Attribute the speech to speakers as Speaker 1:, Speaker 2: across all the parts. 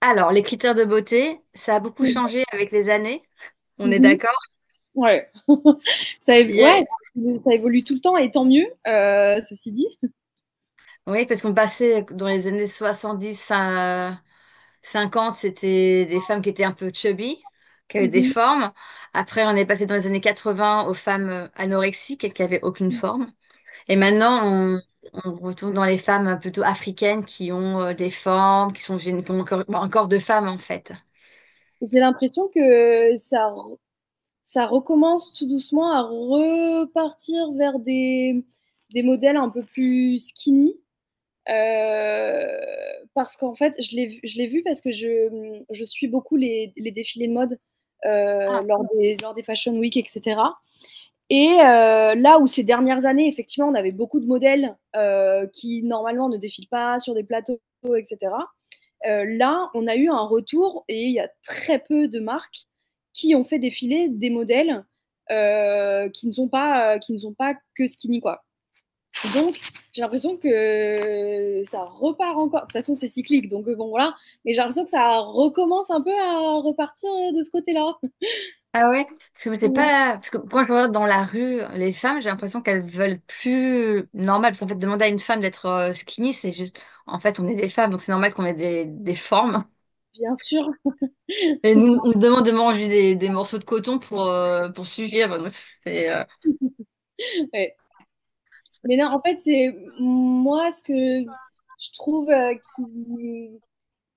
Speaker 1: Alors, les critères de beauté, ça a beaucoup
Speaker 2: Mmh
Speaker 1: changé avec les années, on est
Speaker 2: mh.
Speaker 1: d'accord?
Speaker 2: Ouais. Ça
Speaker 1: Il
Speaker 2: év
Speaker 1: y a-
Speaker 2: ouais, ça évolue tout le temps et tant mieux, heu, ceci dit.
Speaker 1: Oui, parce qu'on passait dans les années 70 à 50, c'était des femmes qui étaient un peu chubby, qui avaient des
Speaker 2: Mmh
Speaker 1: formes. Après, on est passé dans les années 80 aux femmes euh, anorexiques qui avaient aucune forme. Et maintenant, on, on retourne dans les femmes euh, plutôt africaines qui ont euh, des formes, qui sont gén- qui ont un corps, un corps de femme en fait.
Speaker 2: J'ai l'impression que ça ça recommence tout doucement à repartir vers des des modèles un peu plus skinny, heu, parce qu'en fait, je l'ai je l'ai vu parce que je, mmh, je suis beaucoup les les défilés de mode, heu, lors des lors des Fashion Week et cetera Et heu, là où ces dernières années, effectivement, on avait beaucoup de modèles, heu, qui normalement ne défilent pas sur des plateaux et cetera, heu, là, on a eu un retour et il y a très peu de marques qui ont fait défiler des modèles, heu, qui ne sont pas, heu, qui ne sont pas que skinny, quoi. Donc j'ai l'impression que ça repart encore de toute façon, c'est cyclique, donc euh, bon, voilà, mais j'ai l'impression que ça recommence un peu à repartir, euh, de ce côté-là.
Speaker 1: Ah ouais, parce que c'est
Speaker 2: Ouais,
Speaker 1: pas parce que quand je regarde dans la rue les femmes, j'ai l'impression qu'elles veulent plus normal parce qu'en fait demander à une femme d'être euh, skinny, c'est juste en fait on est des femmes donc c'est normal qu'on ait des, des formes
Speaker 2: bien sûr.
Speaker 1: et nous on nous demande de manger des, des morceaux de coton pour euh, pour suivre. Donc, c'est euh,
Speaker 2: Ouais. Mais non, en fait, c'est moi ce que je trouve euh, qui,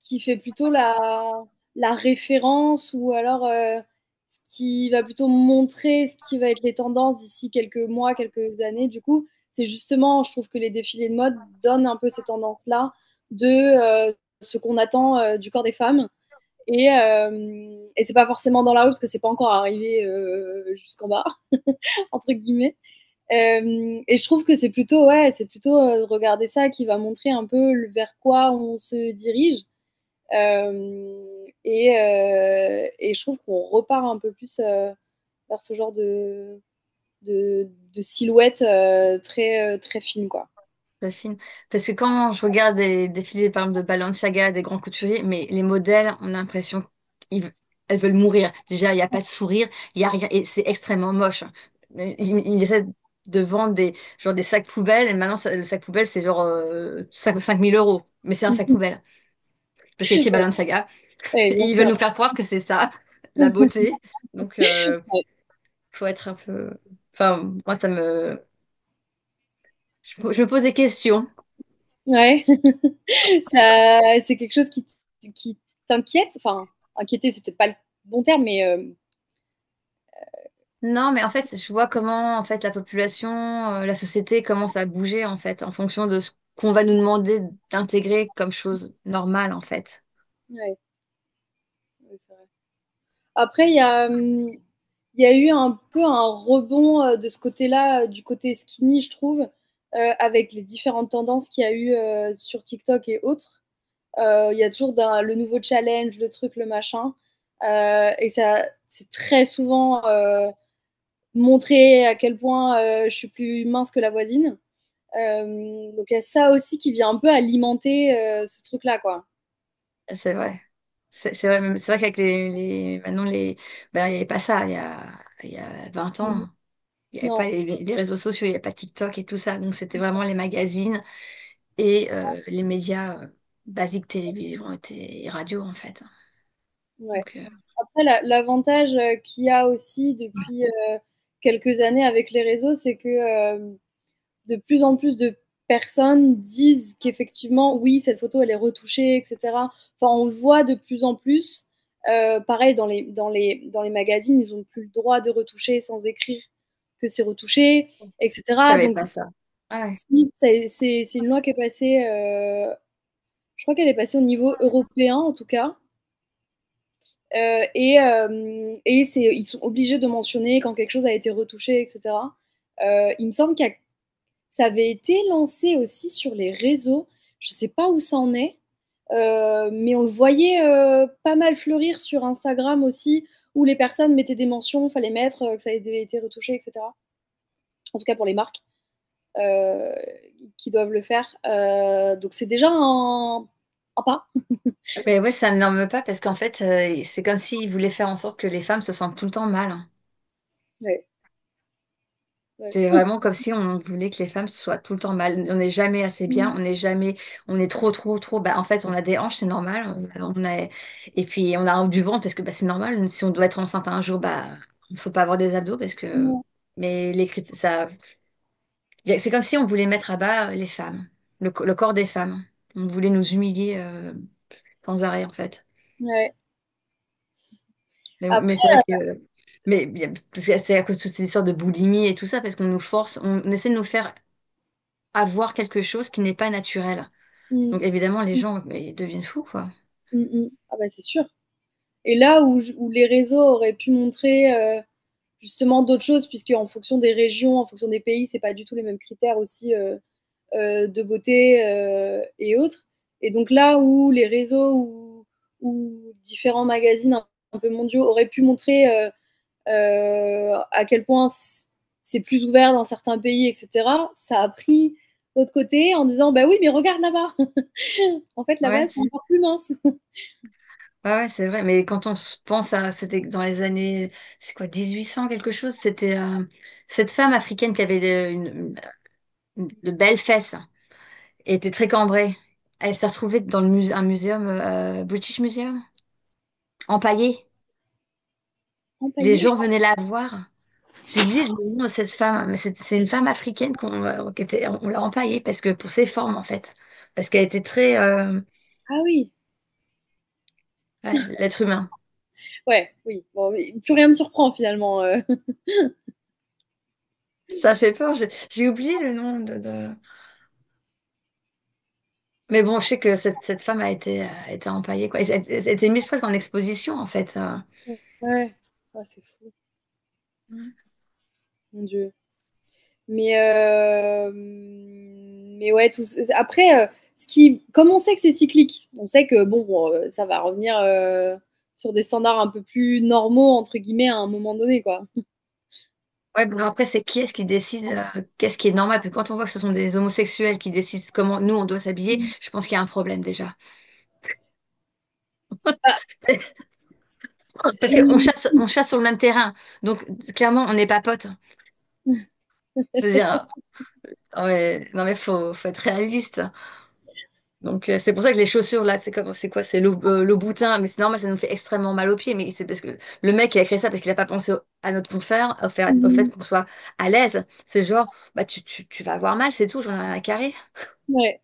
Speaker 2: qui fait plutôt la, la référence ou alors euh, ce qui va plutôt montrer ce qui va être les tendances d'ici quelques mois, quelques années. Du coup, c'est justement, je trouve que les défilés de mode donnent un peu ces tendances-là de euh, ce qu'on attend euh, du corps des femmes. Et, euh, et c'est pas forcément dans la rue parce que c'est pas encore arrivé euh, jusqu'en bas, entre guillemets. Euh, et je trouve que c'est plutôt, ouais, c'est plutôt euh, regarder ça qui va montrer un peu vers quoi on se dirige. Euh, et, euh, et je trouve qu'on repart un peu plus euh, vers ce genre de, de, de silhouette euh, très, euh, très fine, quoi.
Speaker 1: Pas fine. Parce que quand je regarde des défilés, par exemple, de Balenciaga, des grands couturiers, mais les modèles, on a l'impression qu'elles veulent mourir. Déjà, il n'y a pas de sourire, il y a rien, et c'est extrêmement moche. Ils, ils essaient de vendre des, genre des sacs poubelles, et maintenant, ça- le sac poubelle, c'est genre euh, 5 5000 euros. Mais c'est un sac
Speaker 2: Mm-hmm.
Speaker 1: poubelle, parce qu'il y a écrit Balenciaga.
Speaker 2: Et
Speaker 1: Et
Speaker 2: bien
Speaker 1: ils veulent
Speaker 2: sûr,
Speaker 1: nous faire croire que c'est ça, la beauté. Donc, euh, faut être un peu... Enfin, moi, ça me... Je, me je me pose des questions.
Speaker 2: ouais, ça, c'est quelque chose qui, qui t'inquiète. Enfin, inquiéter, c'est peut-être pas le bon terme, mais euh,
Speaker 1: Non, mais en fait, je vois comment en fait la population, euh, la société commence à bouger en fait en fonction de ce qu'on va nous demander d'intégrer comme chose normale en fait.
Speaker 2: ouais, Après, il y a, hum, il y a eu un peu un rebond euh, de ce côté-là, euh, du côté skinny, je trouve, euh, avec les différentes tendances qu'il y a eu euh, sur TikTok et autres. Euh, il y a toujours d'un- le nouveau challenge, le truc, le machin. Euh, et ça, c'est très souvent euh, montré à quel point euh, je suis plus mince que la voisine. Euh, donc il y a ça aussi qui vient un peu alimenter euh, ce truc-là, quoi.
Speaker 1: C'est vrai. C'est c'est vrai, même- c'est vrai qu'avec les, les- maintenant les ben, il n'y avait pas ça il y a, il y a 20
Speaker 2: Mhm.
Speaker 1: ans. Il n'y avait
Speaker 2: Non,
Speaker 1: pas les, les réseaux sociaux, il n'y avait pas TikTok et tout ça. Donc c'était vraiment les magazines et euh, les médias euh, basiques télévision et, té- et radio en fait.
Speaker 2: ouais.
Speaker 1: Donc euh,
Speaker 2: Après, la- l'avantage euh, qu'il y a aussi depuis euh, quelques années avec les réseaux, c'est que euh, de plus en plus de personnes disent qu'effectivement, oui, cette photo, elle est retouchée, etc. Enfin, on le voit de plus en plus. Euh, pareil, dans les, dans, les, dans les magazines, ils n'ont plus le droit de retoucher sans écrire que c'est retouché,
Speaker 1: il
Speaker 2: etc.
Speaker 1: n'y avait
Speaker 2: Donc,
Speaker 1: pas ça. Ouais.
Speaker 2: si, c'est c'est- c'est une loi qui est passée, euh, je crois qu'elle est passée au niveau européen en tout cas. Euh, et euh, et c'est, ils sont obligés de mentionner quand quelque chose a été retouché, etc. Euh, il me semble que ça avait été lancé aussi sur les réseaux. Je ne sais pas où ça en est, euh, mais on le voyait euh, pas mal fleurir sur Instagram aussi, où les personnes mettaient des mentions, il fallait mettre euh, que ça avait été retouché, etc. En tout cas pour les marques euh, qui doivent le faire. Euh, donc c'est déjà un, un pas.
Speaker 1: Mais ouais, ça ne norme pas parce qu'en fait, euh, c'est comme s'ils voulaient faire en sorte que les femmes se sentent tout le temps mal. hein.
Speaker 2: Ouais, ouais.
Speaker 1: C'est vraiment comme si on voulait que les femmes soient tout le temps mal. On n'est jamais assez bien, on n'est jamais, on est trop, trop, trop. Bah, en fait, on a des hanches, c'est normal. Euh, On a, et puis, on a du ventre parce que bah, c'est normal. Si on doit être enceinte un jour, bah, il ne faut pas avoir des abdos parce que. Mais les crit- ça, c'est comme si on voulait mettre à bas les femmes, le, co- le corps des femmes. On voulait nous humilier euh, sans arrêt, en fait.
Speaker 2: Ouais.
Speaker 1: Mais, bon, mais
Speaker 2: Après,
Speaker 1: c'est vrai que mais bien- parce que c'est à cause de ces histoires de boulimie et tout ça, parce qu'on nous force, on, on essaie de nous faire avoir quelque chose qui n'est pas naturel.
Speaker 2: mm,
Speaker 1: Donc évidemment, les
Speaker 2: mm.
Speaker 1: gens, mais ils deviennent fous, quoi.
Speaker 2: Mmh mh. Ah bah, c'est sûr et là où j où les réseaux auraient pu montrer, heu, justement d'autres choses puisque en fonction des régions, en fonction des pays, c'est pas du tout les mêmes critères aussi, heu heu, de beauté, heu et autres et donc là où les réseaux ou ou différents magazines un un peu mondiaux auraient pu montrer, heu heu, à quel point c c'est plus ouvert dans certains pays et cetera, ça a pris l'autre côté en disant: «Bah oui, mais regarde là-bas, en fait là-bas,
Speaker 1: Ouais,
Speaker 2: c'est
Speaker 1: c'est
Speaker 2: encore plus mince,
Speaker 1: ouais, ouais, c'est vrai. Mais quand on se pense à, c'était dans les années, c'est quoi, 1800 quelque chose, c'était euh, cette femme africaine qui avait de, une- une- de belles fesses et était très cambrée. Elle s'est retrouvée dans le musée, un muséum, euh, British Museum, empaillée. Les gens
Speaker 2: empaillé».
Speaker 1: venaient la voir. J'ai oublié le nom de cette femme, mais c'est c'est une femme africaine qu'on euh, qui était- on l'a empaillée parce que pour ses formes en fait, parce qu'elle était très euh,
Speaker 2: Ah oui!
Speaker 1: ouais, l'être humain.
Speaker 2: Ouais, oui. Bon, mais plus rien me surprend finalement. euh.
Speaker 1: Ça fait peur. J'ai j'ai oublié le nom de, de- Mais bon, je sais que cette, cette femme a été, euh, a été empaillée quoi. Et Elle, elle a été mise presque en exposition en fait. euh.
Speaker 2: Ouais, Ah, c'est fou, mon Dieu. Mais, euh, mais ouais, tout, c- après, euh, ce qui, comme on sait que c'est cyclique, on sait que bon, bon, euh, ça va revenir euh, sur des standards un peu plus normaux, entre guillemets, à un moment donné, quoi.
Speaker 1: Ouais, bon, après c'est qui est-ce qui décide euh, qu'est-ce qui est normal? Parce que quand on voit que ce sont des homosexuels qui décident comment nous on doit s'habiller,
Speaker 2: Mhm.
Speaker 1: je pense qu'il y a un problème déjà.
Speaker 2: Ah,
Speaker 1: Parce qu'on
Speaker 2: euh,
Speaker 1: chasse, on chasse sur le même terrain, donc clairement on n'est pas potes. Je veux dire. Ouais, non mais faut, faut être réaliste. Donc euh, c'est pour ça que les chaussures là, c'est comme, c'est quoi? C'est le, euh, le boutin, mais c'est normal, ça nous fait extrêmement mal aux pieds. Mais c'est parce que le mec il a créé ça parce qu'il a pas pensé au- à notre confort, au fait, au fait qu'on soit à l'aise. C'est genre, bah tu, tu, tu vas avoir mal, c'est tout, j'en ai rien à carrer.
Speaker 2: ouais.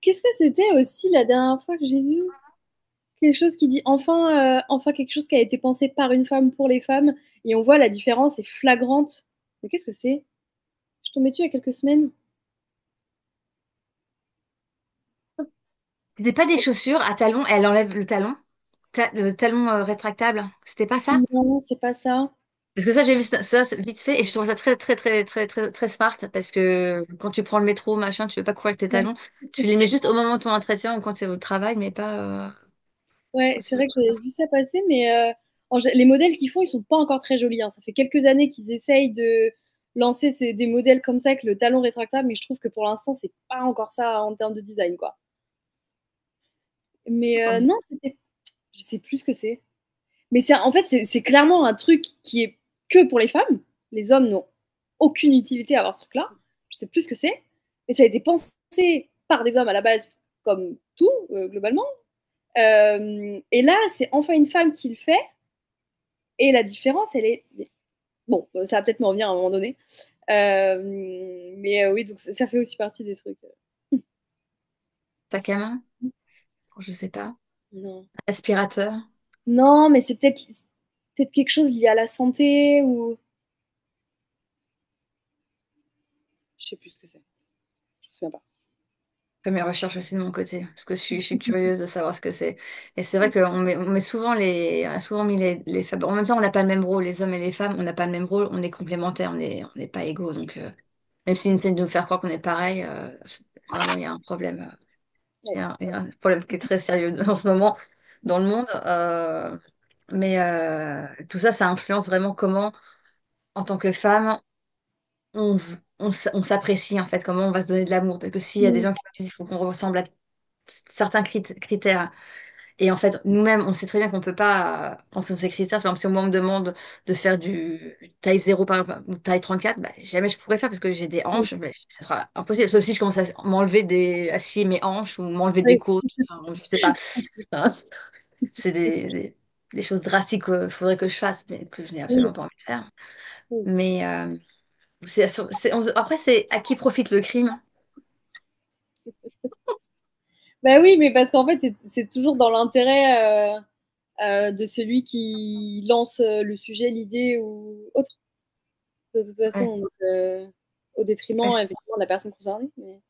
Speaker 2: Qu'est-ce que c'était aussi la dernière fois que j'ai vu quelque chose qui dit enfin, euh, enfin quelque chose qui a été pensé par une femme pour les femmes, et on voit la différence est flagrante. Mais qu'est-ce que c'est Je tombais dessus il y a quelques semaines.
Speaker 1: C'était pas des chaussures à talons, elle enlève le talon, ta- le talon euh, rétractable. C'était pas ça?
Speaker 2: Non, c'est pas ça.
Speaker 1: Parce que ça, j'ai vu ça, ça, c'est vite fait et je trouve ça très, très, très, très, très, très smart parce que quand tu prends le métro, machin, tu veux pas courir avec tes
Speaker 2: Ouais,
Speaker 1: talons. Tu les mets juste au moment de ton entretien ou quand tu es au travail, mais pas euh, quand
Speaker 2: ouais,
Speaker 1: tu
Speaker 2: c'est
Speaker 1: vas
Speaker 2: vrai que
Speaker 1: courir.
Speaker 2: j'avais vu ça passer, mais euh, en gé- les modèles qu'ils font, ils sont pas encore très jolis. hein. Ça fait quelques années qu'ils essayent de lancer ces- des modèles comme ça avec le talon rétractable, mais je trouve que pour l'instant, c'est pas encore ça en termes de design, quoi. Mais
Speaker 1: Tant
Speaker 2: euh,
Speaker 1: mieux.
Speaker 2: non, c'était, je sais plus ce que c'est. Mais c'est, en fait, c'est c'est clairement un truc qui est que pour les femmes. Les hommes n'ont aucune utilité à avoir ce truc-là. Je sais plus ce que c'est. Mais ça a été pensé par des hommes à la base, comme tout, euh, globalement. Euh, et là, c'est enfin une femme qui le fait. Et la différence, elle est. Bon, euh, ça va peut-être m'en revenir à un moment donné. Euh, mais euh, oui, donc ça- ça fait aussi partie des trucs.
Speaker 1: Sac à main, je sais pas.
Speaker 2: Non.
Speaker 1: Aspirateur.
Speaker 2: Non, mais c'est peut-être peut être quelque chose lié à la santé ou. Je ne sais plus ce que c'est. Je ne me souviens pas.
Speaker 1: Je fais mes recherches aussi de mon côté parce que je suis, je suis curieuse de savoir ce que c'est. Et c'est vrai qu'on met, on met souvent les, on a souvent mis les, les femmes. En même temps, on n'a pas le même rôle, les hommes et les femmes, on n'a pas le même rôle, on est complémentaires, on est, on n'est pas égaux. Donc, euh, même s'ils
Speaker 2: Mm.
Speaker 1: essaient de nous faire croire qu'on est pareil, euh, vraiment, il y a un problème. euh, Il y a, il y a un problème qui est très sérieux en ce moment dans le monde. euh, mais euh, tout ça, ça influence vraiment comment, en tant que femme, on, v- on, s- on s'apprécie, en fait, comment on va se donner de l'amour. Parce que s'il y a des
Speaker 2: Oui,
Speaker 1: gens qui me disent il faut qu'on ressemble à certains crit- critères, et en fait, nous-mêmes, on sait très bien qu'on peut pas, quand on fait ces critères, par exemple, si moi on me demande de faire du taille zéro par exemple, ou taille 34, bah, jamais je pourrais faire parce que j'ai des
Speaker 2: oui,
Speaker 1: hanches, mais ce sera impossible. Sauf si je commence à m'enlever des, à scier mes hanches ou m'enlever des côtes, enfin, bon, je sais pas. Hein, C'est des, des- des choses drastiques qu'il faudrait que je fasse, mais que je n'ai absolument
Speaker 2: oui,
Speaker 1: pas envie de faire.
Speaker 2: oui.
Speaker 1: Mais euh, c'est, c'est- on- après, c'est à qui profite le crime?
Speaker 2: Bah oui, mais parce qu'en fait, c'est- c'est toujours dans l'intérêt euh, euh, de celui qui lance euh, le sujet, l'idée ou autre. de toute
Speaker 1: Ouais,
Speaker 2: façon, donc, euh, au
Speaker 1: ouais,
Speaker 2: détriment
Speaker 1: c'est
Speaker 2: effectivement, de la personne concernée. mais-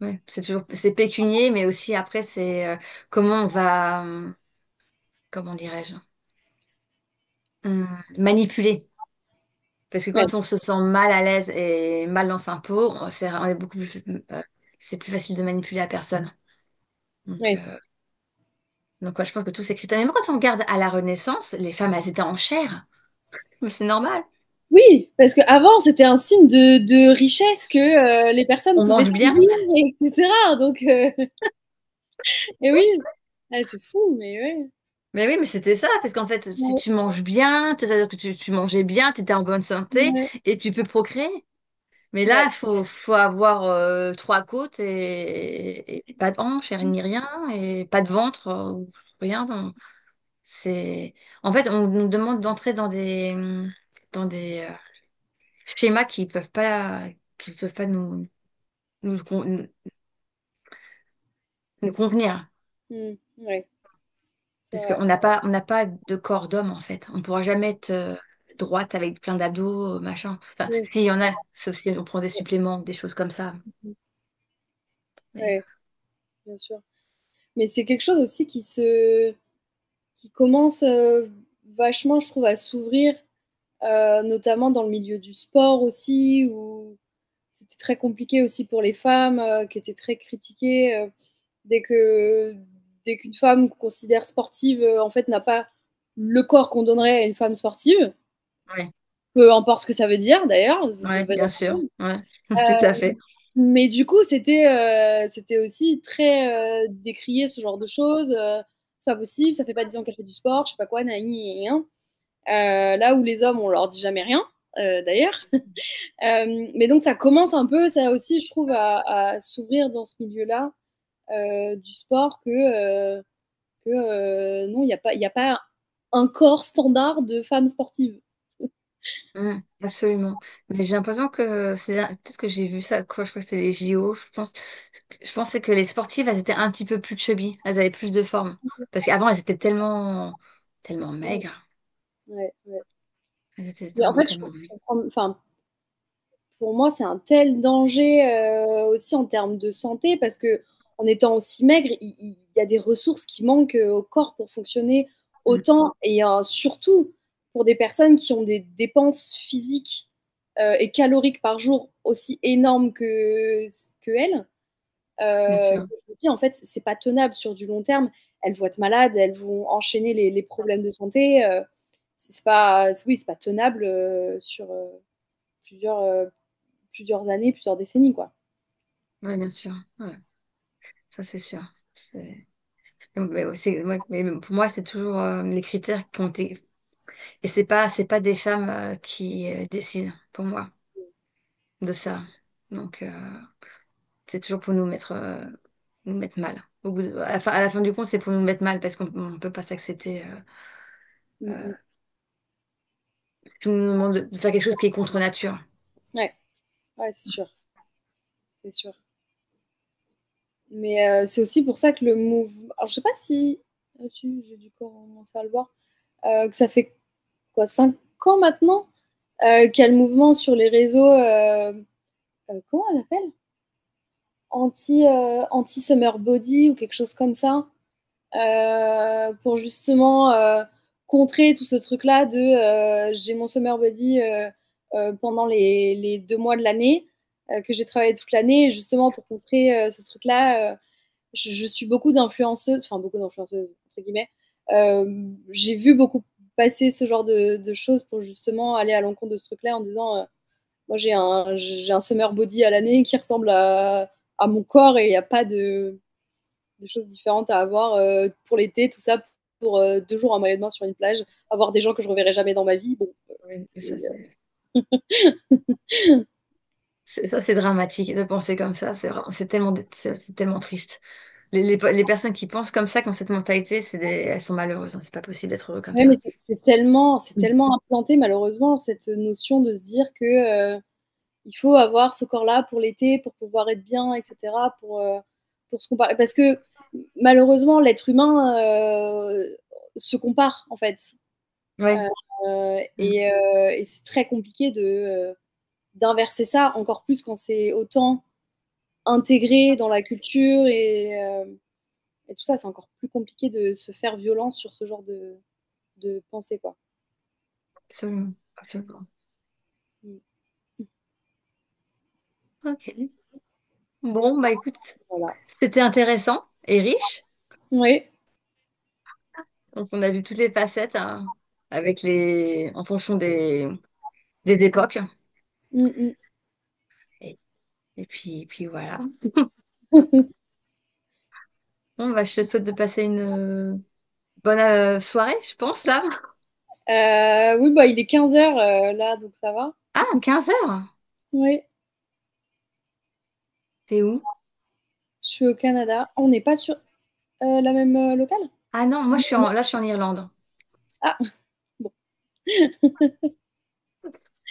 Speaker 1: ouais, c'est toujours, c'est pécunier, mais aussi après, c'est euh, comment on va. hum, comment dirais-je, Hum, manipuler. Parce que
Speaker 2: Ouais,
Speaker 1: quand on se sent mal à l'aise et mal dans sa peau, on, c'est, on est beaucoup plus, euh, c'est plus facile de manipuler la personne. Donc,
Speaker 2: ouais.
Speaker 1: euh, donc ouais, je pense que tous ces critères. Mais même quand on regarde à la Renaissance, les femmes, elles étaient en chair. Mais c'est normal.
Speaker 2: Oui, parce qu'avant, c'était un signe de, de richesse que euh, les personnes
Speaker 1: On
Speaker 2: pouvaient
Speaker 1: mange
Speaker 2: se
Speaker 1: bien.
Speaker 2: dire, etc. Donc, euh, et oui, Ah, c'est fou, mais ouais.
Speaker 1: Mais oui, mais c'était ça. Parce qu'en fait, si
Speaker 2: Ouais,
Speaker 1: tu manges bien, c'est-à-dire que tu, tu mangeais bien, tu étais en bonne santé
Speaker 2: ouais,
Speaker 1: et tu peux procréer. Mais là,
Speaker 2: ouais.
Speaker 1: faut, faut avoir euh, trois côtes et, et pas de hanches et ni rien et pas de ventre. euh, ou Rien, C'est... En fait, on nous demande d'entrer dans des, mmh, dans des euh, schémas qui peuvent pas, qui peuvent pas nous, nous, con- nous convenir.
Speaker 2: Mm, ouais, c'est
Speaker 1: Parce
Speaker 2: vrai.
Speaker 1: qu'on n'a pas, on n'a pas de corps d'homme, en fait. On ne pourra jamais être euh, droite avec plein d'abdos, machin. Enfin,
Speaker 2: Ouais,
Speaker 1: s'il y en
Speaker 2: ouais,
Speaker 1: a, sauf si on prend des suppléments, des choses comme ça. Mais, euh,
Speaker 2: ouais, bien sûr. Mais c'est quelque chose aussi qui se, qui commence euh, vachement, je trouve, à s'ouvrir, euh, notamment dans le milieu du sport aussi, où c'était très compliqué aussi pour les femmes euh, qui étaient très critiquées. euh, dès que dès qu'une femme qu'on considère sportive euh, en fait n'a pas le corps qu'on donnerait à une femme sportive,
Speaker 1: ouais,
Speaker 2: peu importe ce que ça veut dire d'ailleurs. ça- ça
Speaker 1: ouais,
Speaker 2: veut dire-
Speaker 1: bien sûr. Ouais, tout
Speaker 2: Euh,
Speaker 1: à fait.
Speaker 2: mais du coup, c'était euh, c'était aussi très euh, décrié ce genre de choses. euh, c'est pas possible, ça fait pas 10 ans qu'elle fait du sport, je sais pas quoi, naï, rien. Euh, là où les hommes, on leur dit jamais rien, euh, d'ailleurs. Euh, mais donc ça commence un peu, ça aussi, je trouve, à, à s'ouvrir dans ce milieu-là euh, du sport que, euh, que euh, non, il n'y a, pas, il y a pas un corps standard de femme sportive.
Speaker 1: Mm, absolument. Mais j'ai l'impression que c'est peut-être que j'ai vu ça quoi, je crois que c'était les JO, je pense. Je pensais que les sportives, elles étaient un petit peu plus chubby, elles avaient plus de forme. Parce qu'avant, elles étaient tellement tellement
Speaker 2: Ouais,
Speaker 1: maigres.
Speaker 2: ouais, ouais.
Speaker 1: Elles étaient
Speaker 2: Mais en
Speaker 1: vraiment
Speaker 2: fait, je
Speaker 1: tellement maigres.
Speaker 2: comprends, enfin, pour moi, c'est un tel danger euh, aussi en termes de santé parce que en étant aussi maigre, il, il y a des ressources qui manquent euh, au corps pour fonctionner
Speaker 1: Mm,
Speaker 2: autant et euh, surtout pour des personnes qui ont des dépenses physiques euh, et caloriques par jour aussi énormes que, que elles.
Speaker 1: bien
Speaker 2: Euh,
Speaker 1: sûr.
Speaker 2: je me dis, en fait, c'est pas tenable sur du long terme. Elles vont être malades, elles vont enchaîner les, les problèmes de santé. euh, c'est pas, c'est- oui, c'est pas tenable euh, sur euh, plusieurs, euh, plusieurs années, plusieurs décennies, quoi.
Speaker 1: Oui, bien sûr. Ouais, ça c'est sûr. C'est- Mais, mais ouais, c'est- ouais, mais pour moi, c'est toujours euh, les critères qui ont été. Et c'est pas c'est pas des femmes euh, qui euh, décident pour moi de ça. Donc euh, C'est toujours pour nous mettre, euh, nous mettre mal. Au bout de- à la fin, à la fin du compte, c'est pour nous mettre mal parce qu'on ne peut pas s'accepter. euh,
Speaker 2: Mm, mm.
Speaker 1: euh,
Speaker 2: mm.
Speaker 1: tout nous demande de de faire quelque chose qui est contre nature.
Speaker 2: Ouais, ouais, c'est sûr, c'est sûr. Mais euh, c'est aussi pour ça que le mouvement. Alors, je sais pas si. Ah, si, J'ai dû commencer à le voir. Euh, que ça fait quoi, cinq ans maintenant euh, Qu'il y a le mouvement sur les réseaux. euh, euh, comment on l'appelle anti, heu, anti summer body ou quelque chose comme ça, heu, pour justement, heu, contrer tout ce truc-là de, heu, j'ai mon summer body, heu heu, pendant les les 2 mois de l'année, heu, que j'ai travaillé toute l'année justement pour contrer, heu, ce truc-là, heu, je je suis beaucoup d'influenceuses, enfin beaucoup d'influenceuses entre guillemets, hem, j'ai vu beaucoup passer ce genre de de choses pour justement aller à l'encontre de ce truc-là en disant, heu: moi, j'ai un, j'ai un summer body à l'année qui ressemble à, à mon corps et il n'y a pas de, de choses différentes à avoir euh, pour l'été, tout ça pour euh, deux jours en maillot de bain sur une plage, avoir des gens que je ne reverrai jamais dans ma vie. Bon,
Speaker 1: Oui, mais ça,
Speaker 2: et, euh,
Speaker 1: c'est c'est- ça, c'est dramatique de penser comme ça. C'est vraiment- c'est tellement, dé- c'est c'est tellement triste. Les, les, pe- les personnes qui pensent comme ça, qui ont cette mentalité, c'est des, elles sont malheureuses. hein. C'est pas possible d'être heureux comme
Speaker 2: ouais,
Speaker 1: ça.
Speaker 2: mais c'est- c'est tellement, c'est
Speaker 1: Mm.
Speaker 2: tellement implanté malheureusement cette notion de se dire que euh, il faut avoir ce corps-là pour l'été, pour pouvoir être bien, etc. Pour euh, pour se comparer, parce que malheureusement l'être humain euh, se compare en fait.
Speaker 1: Oui,
Speaker 2: Euh,
Speaker 1: Mm.
Speaker 2: et, euh, et c'est très compliqué de, euh, d'inverser ça, encore plus quand c'est autant intégré dans la culture et, euh, et tout ça. C'est encore plus compliqué de se faire violence sur ce genre de, de pensée, quoi.
Speaker 1: absolument, absolument.
Speaker 2: Mm.
Speaker 1: Ok. Bon, bah écoute,
Speaker 2: Voilà.
Speaker 1: c'était intéressant et riche.
Speaker 2: Oui.
Speaker 1: Donc on a vu toutes les facettes hein, avec les en fonction des, des époques.
Speaker 2: Mm, mm.
Speaker 1: Et, et puis, puis voilà. Bon, bah je te souhaite de passer une euh, bonne euh, soirée, je pense, là.
Speaker 2: Euh, oui, bah, il est 15h là, donc ça va.
Speaker 1: Ah, quinze heures.
Speaker 2: Oui,
Speaker 1: T'es où?
Speaker 2: je suis au Canada. On n'est pas sur euh, la même euh, locale
Speaker 1: Ah non, moi je suis en... là, je suis en Irlande.
Speaker 2: Ah, bon.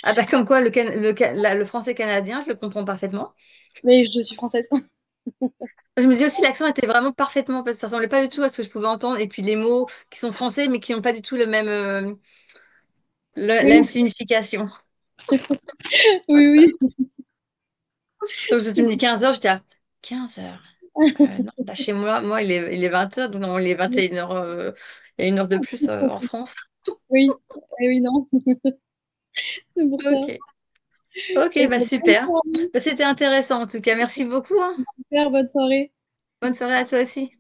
Speaker 1: Ah bah comme quoi le, can- le, ca- la- le français canadien, je le comprends parfaitement.
Speaker 2: Mais je suis française.
Speaker 1: Je me dis aussi l'accent était vraiment parfaitement parce que ça ressemblait pas du tout à ce que je pouvais entendre. Et puis les mots qui sont français mais qui n'ont pas du tout le même, euh, le- la même
Speaker 2: Oui,
Speaker 1: signification.
Speaker 2: oui.
Speaker 1: Donc, si tu me dis 15h, j'étais à quinze heures. Euh, non, bah, chez moi, moi, il est, il est vingt heures, donc non, il est
Speaker 2: Oui,
Speaker 1: 21h. euh, il y a une heure de plus euh, en France.
Speaker 2: oui, Eh oui non. c'est pour ça.
Speaker 1: Ok. Ok,
Speaker 2: Et
Speaker 1: bah
Speaker 2: bah, bonne
Speaker 1: super.
Speaker 2: soirée,
Speaker 1: Bah, c'était intéressant en tout cas. Merci beaucoup, hein.
Speaker 2: super bonne soirée.
Speaker 1: Bonne soirée à toi aussi.